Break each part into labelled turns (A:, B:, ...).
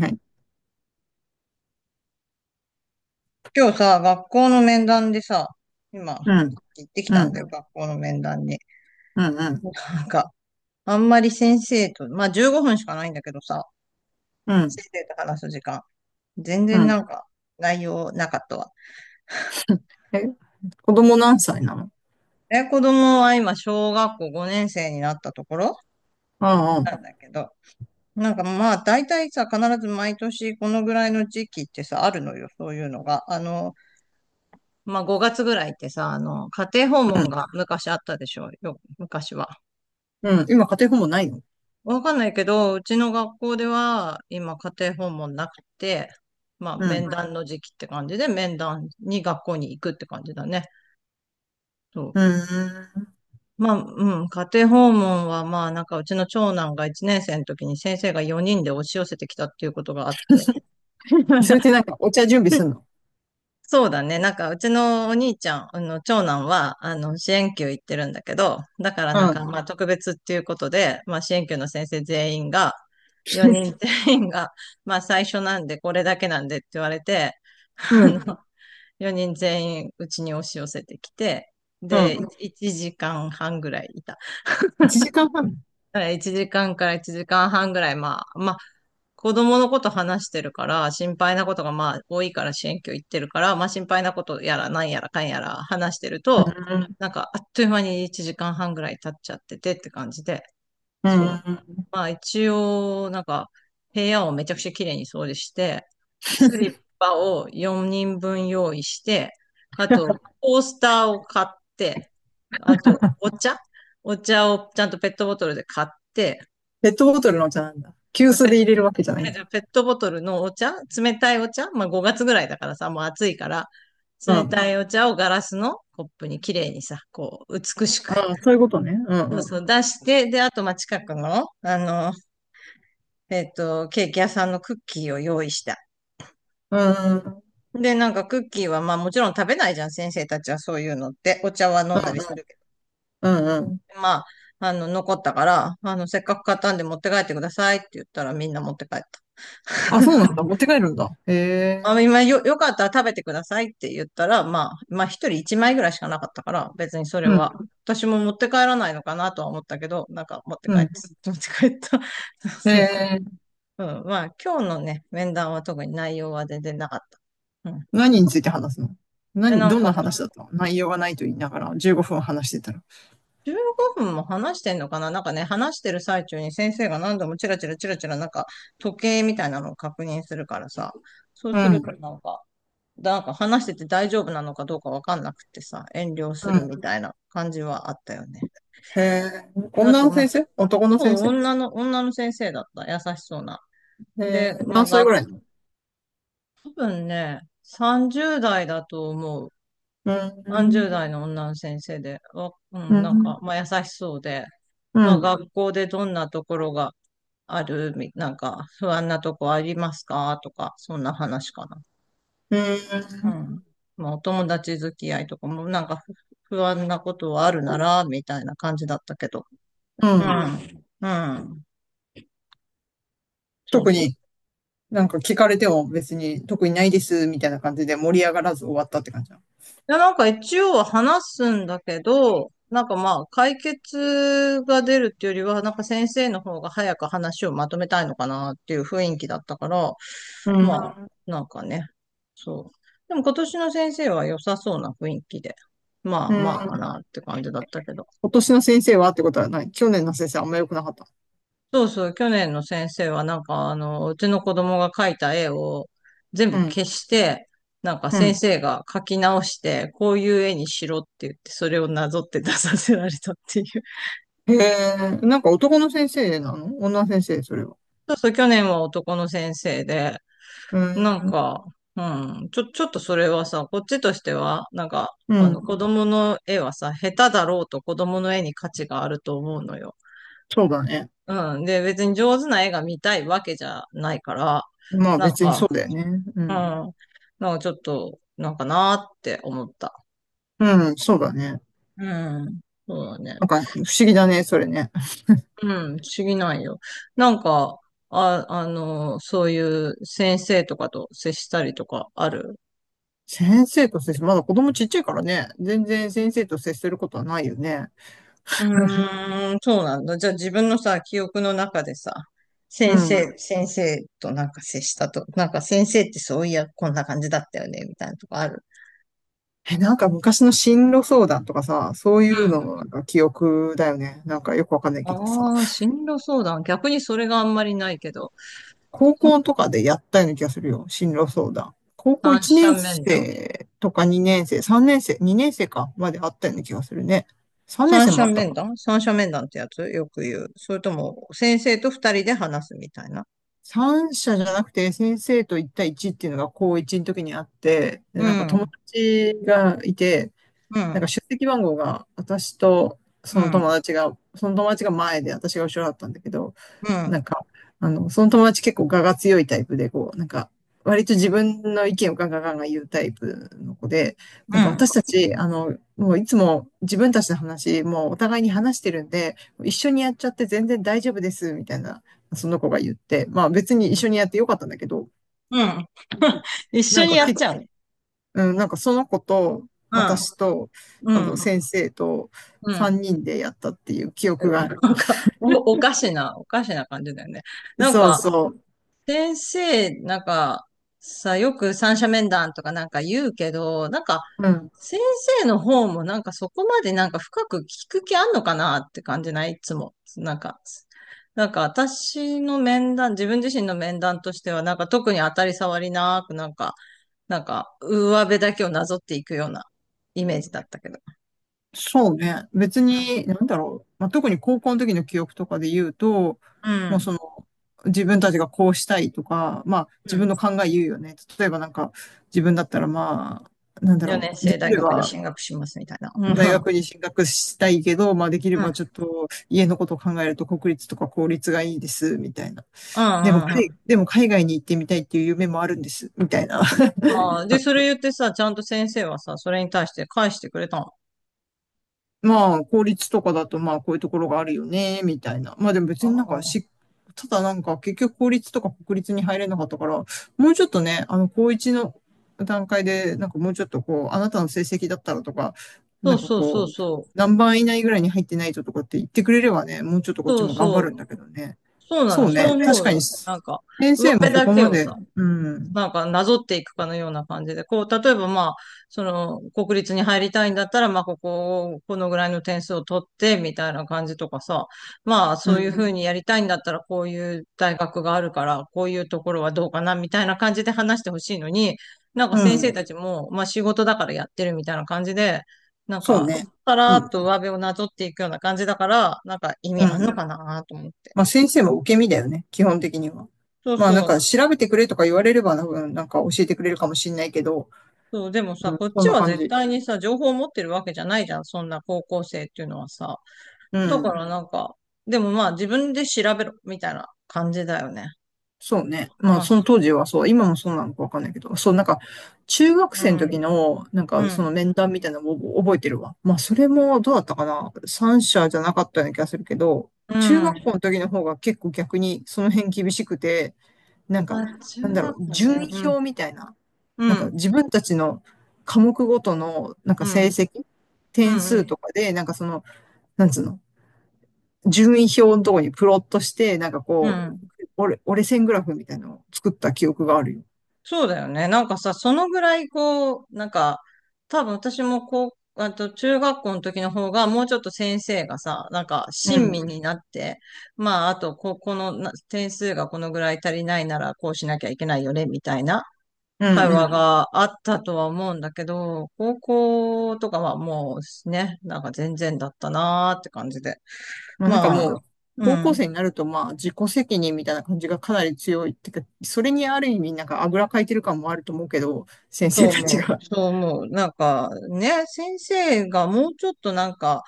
A: はい。
B: 今日さ、学校の面談でさ、今、
A: うん、
B: 行ってき
A: う
B: たんだ
A: ん、
B: よ、学校の面談に。
A: うん、うん、
B: なんか、あんまり先生と、まあ15分しかないんだけどさ、
A: うん、
B: 先生と話す時間、全
A: う
B: 然な
A: ん。
B: んか、内容なかったわ。
A: え、子供何歳なの？
B: え、子供は今、小学校5年生になったところ
A: うん、う
B: な
A: ん、
B: んだけど、まあ、大体さ、必ず毎年このぐらいの時期ってさ、あるのよ、そういうのが。まあ5月ぐらいってさ、家庭訪
A: う
B: 問
A: ん。
B: が昔あったでしょ、よ、昔は。
A: うん。今、家庭訪問ないの？
B: わかんないけど、うちの学校では今家庭訪問なくて、まあ
A: う
B: 面は
A: ん、
B: 談い。談の時期って感じで面談に学校に行くって感じだね。そ
A: う
B: う。
A: ん。
B: まあ、うん、家庭訪問はまあうちの長男が1年生の時に先生が4人で押し寄せてきたっていうことがあって。
A: それって なんか、お茶準備するの？
B: そうだね。うちのお兄ちゃん、長男は、支援級行ってるんだけど、だから
A: うん、
B: まあ、特別っていうことで、まあ、支援級の先生全員が、4人全員が、まあ、最初なんで、これだけなんでって言われて、あ
A: うん、
B: の、4人全員、うちに押し寄せてきて、
A: う
B: で、
A: ん。
B: 1時間半ぐらいいた。
A: 1時間半？
B: だから1時間半ぐらい、まあ、子供のこと話してるから、心配なことがまあ多いから支援教行ってるから、まあ心配なことやらなんやらかんやら話してる
A: う
B: と、
A: ん、
B: なんかあっという間に1時間半ぐらい経っちゃっててって感じで、
A: う
B: そう。
A: ん。
B: まあ一応、部屋をめちゃくちゃ綺麗に掃除して、スリッパを4人分用意して、あとコースターを買って、あとお茶お茶をちゃんとペットボトルで買って、
A: ペットボトルのお茶なんだ。急
B: まあ
A: 須
B: ペッ
A: で
B: ト
A: 入れるわけじゃないん
B: じ
A: だ。
B: ゃあペットボトルのお茶、冷たいお茶、まあ5月ぐらいだからさ、もう暑いから、
A: う
B: 冷た
A: ん、
B: いお茶をガラスのコップに綺麗にさ、こう、美しく。
A: うん、そういうことね。うん、
B: そう
A: う
B: そ
A: ん、
B: う、出して、で、あと、まあ、近くの、ケーキ屋さんのクッキーを用意した。
A: うん、うん、
B: で、なんかクッキーは、まあ、もちろん食べないじゃん、先生たちはそういうのって。お茶は飲んだりするけ
A: うん、うん。
B: ど。残ったから、せっかく買ったんで持って帰ってくださいって言ったらみんな持って帰った。
A: あ、そうなんだ。持って帰るんだ。へえ。
B: あ、よかったら食べてくださいって言ったら、まあ一人一枚ぐらいしかなかったから、別にそれ
A: う
B: は、
A: ん、
B: 私も持って帰らないのかなとは思ったけど、なんか持って
A: う
B: 帰って、
A: ん。
B: 持って帰った。
A: へ
B: そうそうそう。
A: え。
B: うん、まあ今日のね、面談は特に内容は全然なかった。うん。
A: 何について話すの？
B: で、
A: 何、
B: なん
A: どんな
B: か、
A: 話だったの？内容がないと言いながら15分話してたら。
B: 15分も話してんのかな、なんかね、話してる最中に先生が何度もチラチラチラチラなんか時計みたいなのを確認するからさ、そう
A: う
B: すると
A: ん、
B: なんか、話してて大丈夫なのかどうかわかんなくてさ、遠慮す
A: う
B: る
A: ん。
B: みたいな感じはあったよね。
A: へえ。
B: あ
A: 女
B: と、
A: の
B: まあ、
A: 先生？男の先生？
B: 女の先生だった。優しそうな。
A: へ
B: で、
A: え。
B: まあ、
A: 何歳
B: が、
A: ぐらいなの？
B: 多分ね、30代だと思う。
A: うー
B: 30
A: ん、
B: 代の女の先生で、わう
A: う
B: ん、
A: ん、
B: まあ、優しそうで、
A: う
B: ま
A: ん、
B: あ、
A: う
B: 学校でどんなところがある、みなんか、不安なとこありますかとか、そんな話かな。
A: ー
B: う
A: ん、
B: ん。まあ、お友達付き合いとかも、なんかふ不安なことはあるなら、みたいな感じだったけど。
A: う
B: う
A: ん。
B: ん。うん。そう
A: 特
B: そう。
A: に、なんか聞かれても別に特にないですみたいな感じで盛り上がらず終わったって感じなの？
B: で、なんか一応は話すんだけど、まあ、解決が出るっていうよりは、なんか先生の方が早く話をまとめたいのかなっていう雰囲気だったから、
A: う
B: まあ、
A: ん、
B: なんかね、そう。でも今年の先生は良さそうな雰囲気で、まあ
A: う
B: まあか
A: ん。
B: なって感じだったけど。
A: 今年の先生はってことはない？去年の先生あんま良くなかった？
B: そうそう、去年の先生はなんかあの、うちの子供が描いた絵を全部
A: うん、
B: 消して、なんか
A: う
B: 先
A: ん。
B: 生が描き直して、こういう絵にしろって言って、それをなぞって出させられたっていう。
A: へえ。なんか男の先生なの？女の先生？それは。
B: そうそう、去年は男の先生で、
A: う
B: なん
A: ん。
B: か、ちょっとそれはさ、こっちとしては、
A: うん。
B: 子供の絵はさ、下手だろうと子供の絵に価値があると思うのよ。
A: そうだね。
B: うん。で、別に上手な絵が見たいわけじゃないから、
A: まあ
B: なん
A: 別に
B: か、
A: そうだよね。う
B: う
A: ん。
B: ん。なんかちょっと、なんかなーって思った。
A: うん、そうだね。
B: うん。そうだ
A: なん
B: ね。
A: か不思議だね、それね。
B: うん。不思議ないよ。なんか、そういう先生とかと接したりとかある？
A: 先生と接する。まだ子供ちっちゃいからね。全然先生と接することはないよね。
B: うーん、そうなんだ。じゃあ自分のさ、記憶の中でさ、
A: うん。
B: 先生となんか接したと、なんか先生ってそういや、こんな感じだったよね、みたいなとこある？
A: え、なんか昔の進路相談とかさ、そういうの
B: う
A: のなんか記憶だよね。なんかよくわかんない
B: ん。
A: けどさ。
B: ああ、進路相談。逆にそれがあんまりないけど、
A: 高校とかでやったような気がするよ。進路相談。高校
B: 三
A: 1
B: 者
A: 年
B: 面談。
A: 生とか2年生、3年生、2年生かまであったような気がするね。3年生もあったか。
B: 三者面談ってやつよく言う。それとも、先生と二人で話すみたいな。
A: 三者じゃなくて、先生と一対一っていうのが高一の時にあって、で、
B: う
A: なんか
B: ん、う
A: 友
B: ん、
A: 達がいて、
B: う
A: なんか
B: ん、
A: 出席番号が私とそ
B: う
A: の
B: ん、
A: 友達が、その友達が前で私が後ろだったんだけど、なんか、その友達結構我が強いタイプで、こう、なんか、割と自分の意見をガンガンガンガン言うタイプの子で、な
B: う
A: んか
B: ん、
A: 私たち、もういつも自分たちの話、もうお互いに話してるんで、一緒にやっちゃって全然大丈夫です、みたいな、その子が言って、まあ別に一緒にやってよかったんだけど、
B: うん。一
A: な
B: 緒
A: ん
B: に
A: か
B: やっち
A: 結
B: ゃうね。
A: うん、なんかその子と、
B: うん、
A: 私と、
B: うん、
A: 先生と
B: うん。
A: 3人でやったっていう記憶がある。
B: なんか、おかしな感じだよね。なん
A: そう
B: か、
A: そう。
B: 先生、なんか、さ、よく三者面談とかなんか言うけど、
A: うん。
B: 先生の方もなんかそこまでなんか深く聞く気あんのかなって感じないいつも。なんか私の面談、自分自身の面談としてはなんか特に当たり障りなくなんか上辺だけをなぞっていくようなイメージだったけど。
A: そうね。別に、なんだろう。まあ、特に高校の時の記憶とかで言うと、
B: うん。う
A: もう
B: ん
A: その、自分たちがこうしたいとか、まあ、
B: う
A: 自分
B: ん、
A: の考え言うよね。例えばなんか、自分だったらまあ、なんだ
B: 4
A: ろ
B: 年
A: う。で
B: 生
A: き
B: 大
A: れ
B: 学に
A: ば、
B: 進学しますみたいな。うん。う
A: 大
B: ん。
A: 学に進学したいけど、まあ、できれ
B: う
A: ばちょっ
B: ん。
A: と、家のことを考えると国立とか公立がいいです、みたいな。
B: う
A: でも、海
B: ん。
A: でも海外に行ってみたいっていう夢もあるんです、みたいな。
B: ああ、で、それ 言ってさ、ちゃんと先生はさ、それに対して返してくれたの？
A: まあ、公立とかだと、まあ、こういうところがあるよね、みたいな。まあ、でも
B: あ
A: 別になんか
B: あ。
A: し、ただなんか、結局公立とか国立に入れなかったから、もうちょっとね、高一の段階で、なんかもうちょっとこう、あなたの成績だったらとか、
B: そ
A: な
B: う
A: んか
B: そうそう
A: こう、
B: そう。
A: 何番以内ぐらいに入ってないととかって言ってくれればね、もうちょっとこっち
B: そう
A: も頑張
B: そ
A: るん
B: う。
A: だけどね。
B: そうな
A: そ
B: の、
A: う
B: そう
A: ね、確
B: 思う
A: か
B: よ。
A: に、
B: なんか、
A: 先
B: 上
A: 生も
B: 辺
A: そ
B: だ
A: こ
B: け
A: ま
B: を
A: で、
B: さ、
A: うん、
B: なんかなぞっていくかのような感じで、こう、例えばまあ、その、国立に入りたいんだったら、まあ、ここを、このぐらいの点数を取って、みたいな感じとかさ、まあ、
A: う
B: そういうふう
A: ん、
B: にやりたいんだったら、こういう大学があるから、こういうところはどうかな、みたいな感じで話してほしいのに、なんか
A: う
B: 先生
A: ん。
B: たちも、まあ、仕事だからやってるみたいな感じで、なん
A: そう
B: か、
A: ね。
B: さ
A: う
B: らーっ
A: ん。
B: と上辺をなぞっていくような感じだから、なんか意
A: う
B: 味あんの
A: ん。
B: かなと思って。
A: まあ先生も受け身だよね。基本的には。
B: そう
A: まあな
B: そ
A: んか
B: う。
A: 調べてくれとか言われれば、なんか教えてくれるかもしれないけど、
B: そう、でも
A: う
B: さ、
A: ん、
B: こっ
A: そん
B: ち
A: な
B: は
A: 感
B: 絶
A: じ。
B: 対にさ、情報を持ってるわけじゃないじゃん、そんな高校生っていうのはさ。
A: う
B: だか
A: ん。
B: らなんか、でもまあ自分で調べろ、みたいな感じだよね。
A: そうね。まあ
B: まあ、
A: そ
B: そ
A: の当時はそう、今もそうなのかわかんないけど、そうなんか中学
B: う。
A: 生の時のなん
B: うん、
A: か
B: う
A: その
B: ん、
A: 面談みたいなのを覚えてるわ。まあそれもどうだったかな。三者じゃなかったような気がするけど、
B: う
A: 中学
B: ん。
A: 校の時の方が結構逆にその辺厳しくて、なん
B: あ、
A: か、なん
B: 中
A: だろう、
B: 学校
A: 順
B: ね。
A: 位
B: うん、
A: 表みたいな。
B: う
A: なんか
B: ん、
A: 自分たちの科目ごとの、なん
B: う
A: か成
B: ん、
A: 績、点
B: う
A: 数
B: ん、
A: とかで、なんかその、なんつうの、順位表のところにプロットして、なんか
B: うん、う
A: こう、
B: ん。
A: 折れ線グラフみたいなのを作った記憶があるよ。
B: そうだよね。なんかさ、そのぐらいこう、多分私もこう、あと中学校の時の方がもうちょっと先生がさ、なんか
A: う
B: 親
A: ん。
B: 身になって、まああとこ、このな点数がこのぐらい足りないならこうしなきゃいけないよね、みたいな
A: うん
B: 会
A: う
B: 話
A: ん。
B: があったとは思うんだけど、高校とかはもうね、なんか全然だったなーって感じで。
A: まあなんか
B: まあ、
A: もう、
B: う
A: 高校
B: ん。
A: 生になるとまあ自己責任みたいな感じがかなり強いってか、それにある意味なんかあぐらかいてる感もあると思うけど、先
B: そう
A: 生た
B: 思
A: ち
B: ね
A: が。
B: う、そう思う。なんかね、先生がもうちょっと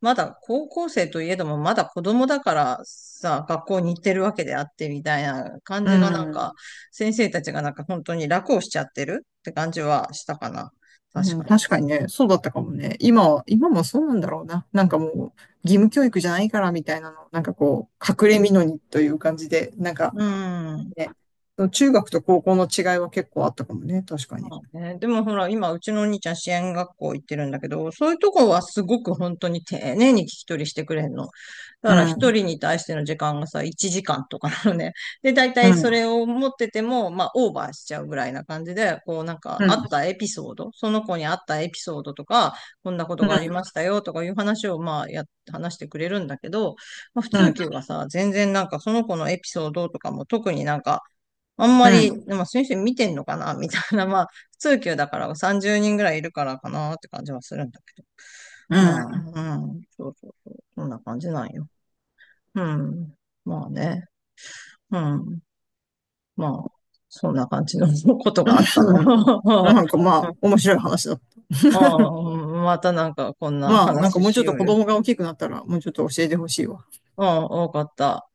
B: まだ高校生といえども、まだ子供だからさ、学校に行ってるわけであってみたいな感
A: う
B: じがなん
A: ん。
B: か、先生たちがなんか本当に楽をしちゃってるって感じはしたかな。
A: う
B: 確
A: ん、
B: か
A: 確
B: に。
A: かにね、そうだったかもね。今は、今もそうなんだろうな。なんかもう、義務教育じゃないからみたいなの、なんかこう、隠れみのにという感じで、なんか
B: うん。
A: ね、その中学と高校の違いは結構あったかもね、確かに。
B: ね、でもほら、今、うちのお兄ちゃん支援学校行ってるんだけど、そういうとこはすごく本当に丁寧に聞き取りしてくれんの。だ
A: う
B: から一
A: ん、
B: 人に対しての時間がさ、1時間とかなのね。で、大
A: う
B: 体そ
A: ん、
B: れを持ってても、まあ、オーバーしちゃうぐらいな感じで、こう、なんか、
A: う
B: あっ
A: ん、
B: たエピソード、その子にあったエピソードとか、こんなこと
A: う
B: があり
A: ん、
B: ましたよとかいう話を、話してくれるんだけど、まあ、普
A: う
B: 通
A: ん、
B: 級がさ、全然なんか、その子のエピソードとかも特になんか、あん
A: う
B: ま
A: ん、
B: り、でも先生見てんのかな みたいな、まあ、普通級だから30人ぐらいいるからかなって感じはするんだけど。
A: う
B: ま
A: ん、
B: あ、うん、そうそうそう、そんな感じなんよ。うん、まあね、うん、まあ、そんな感じの ことがあった
A: う
B: の。
A: ん。なんかまあ、
B: うん、
A: 面白い話だった。
B: ああ、またなんかこんな
A: まあ、なんか
B: 話
A: もうち
B: し
A: ょっ
B: よ
A: と
B: う
A: 子
B: よ。
A: 供が大きくなったら、もうちょっと教えてほしいわ。
B: うん、多かった。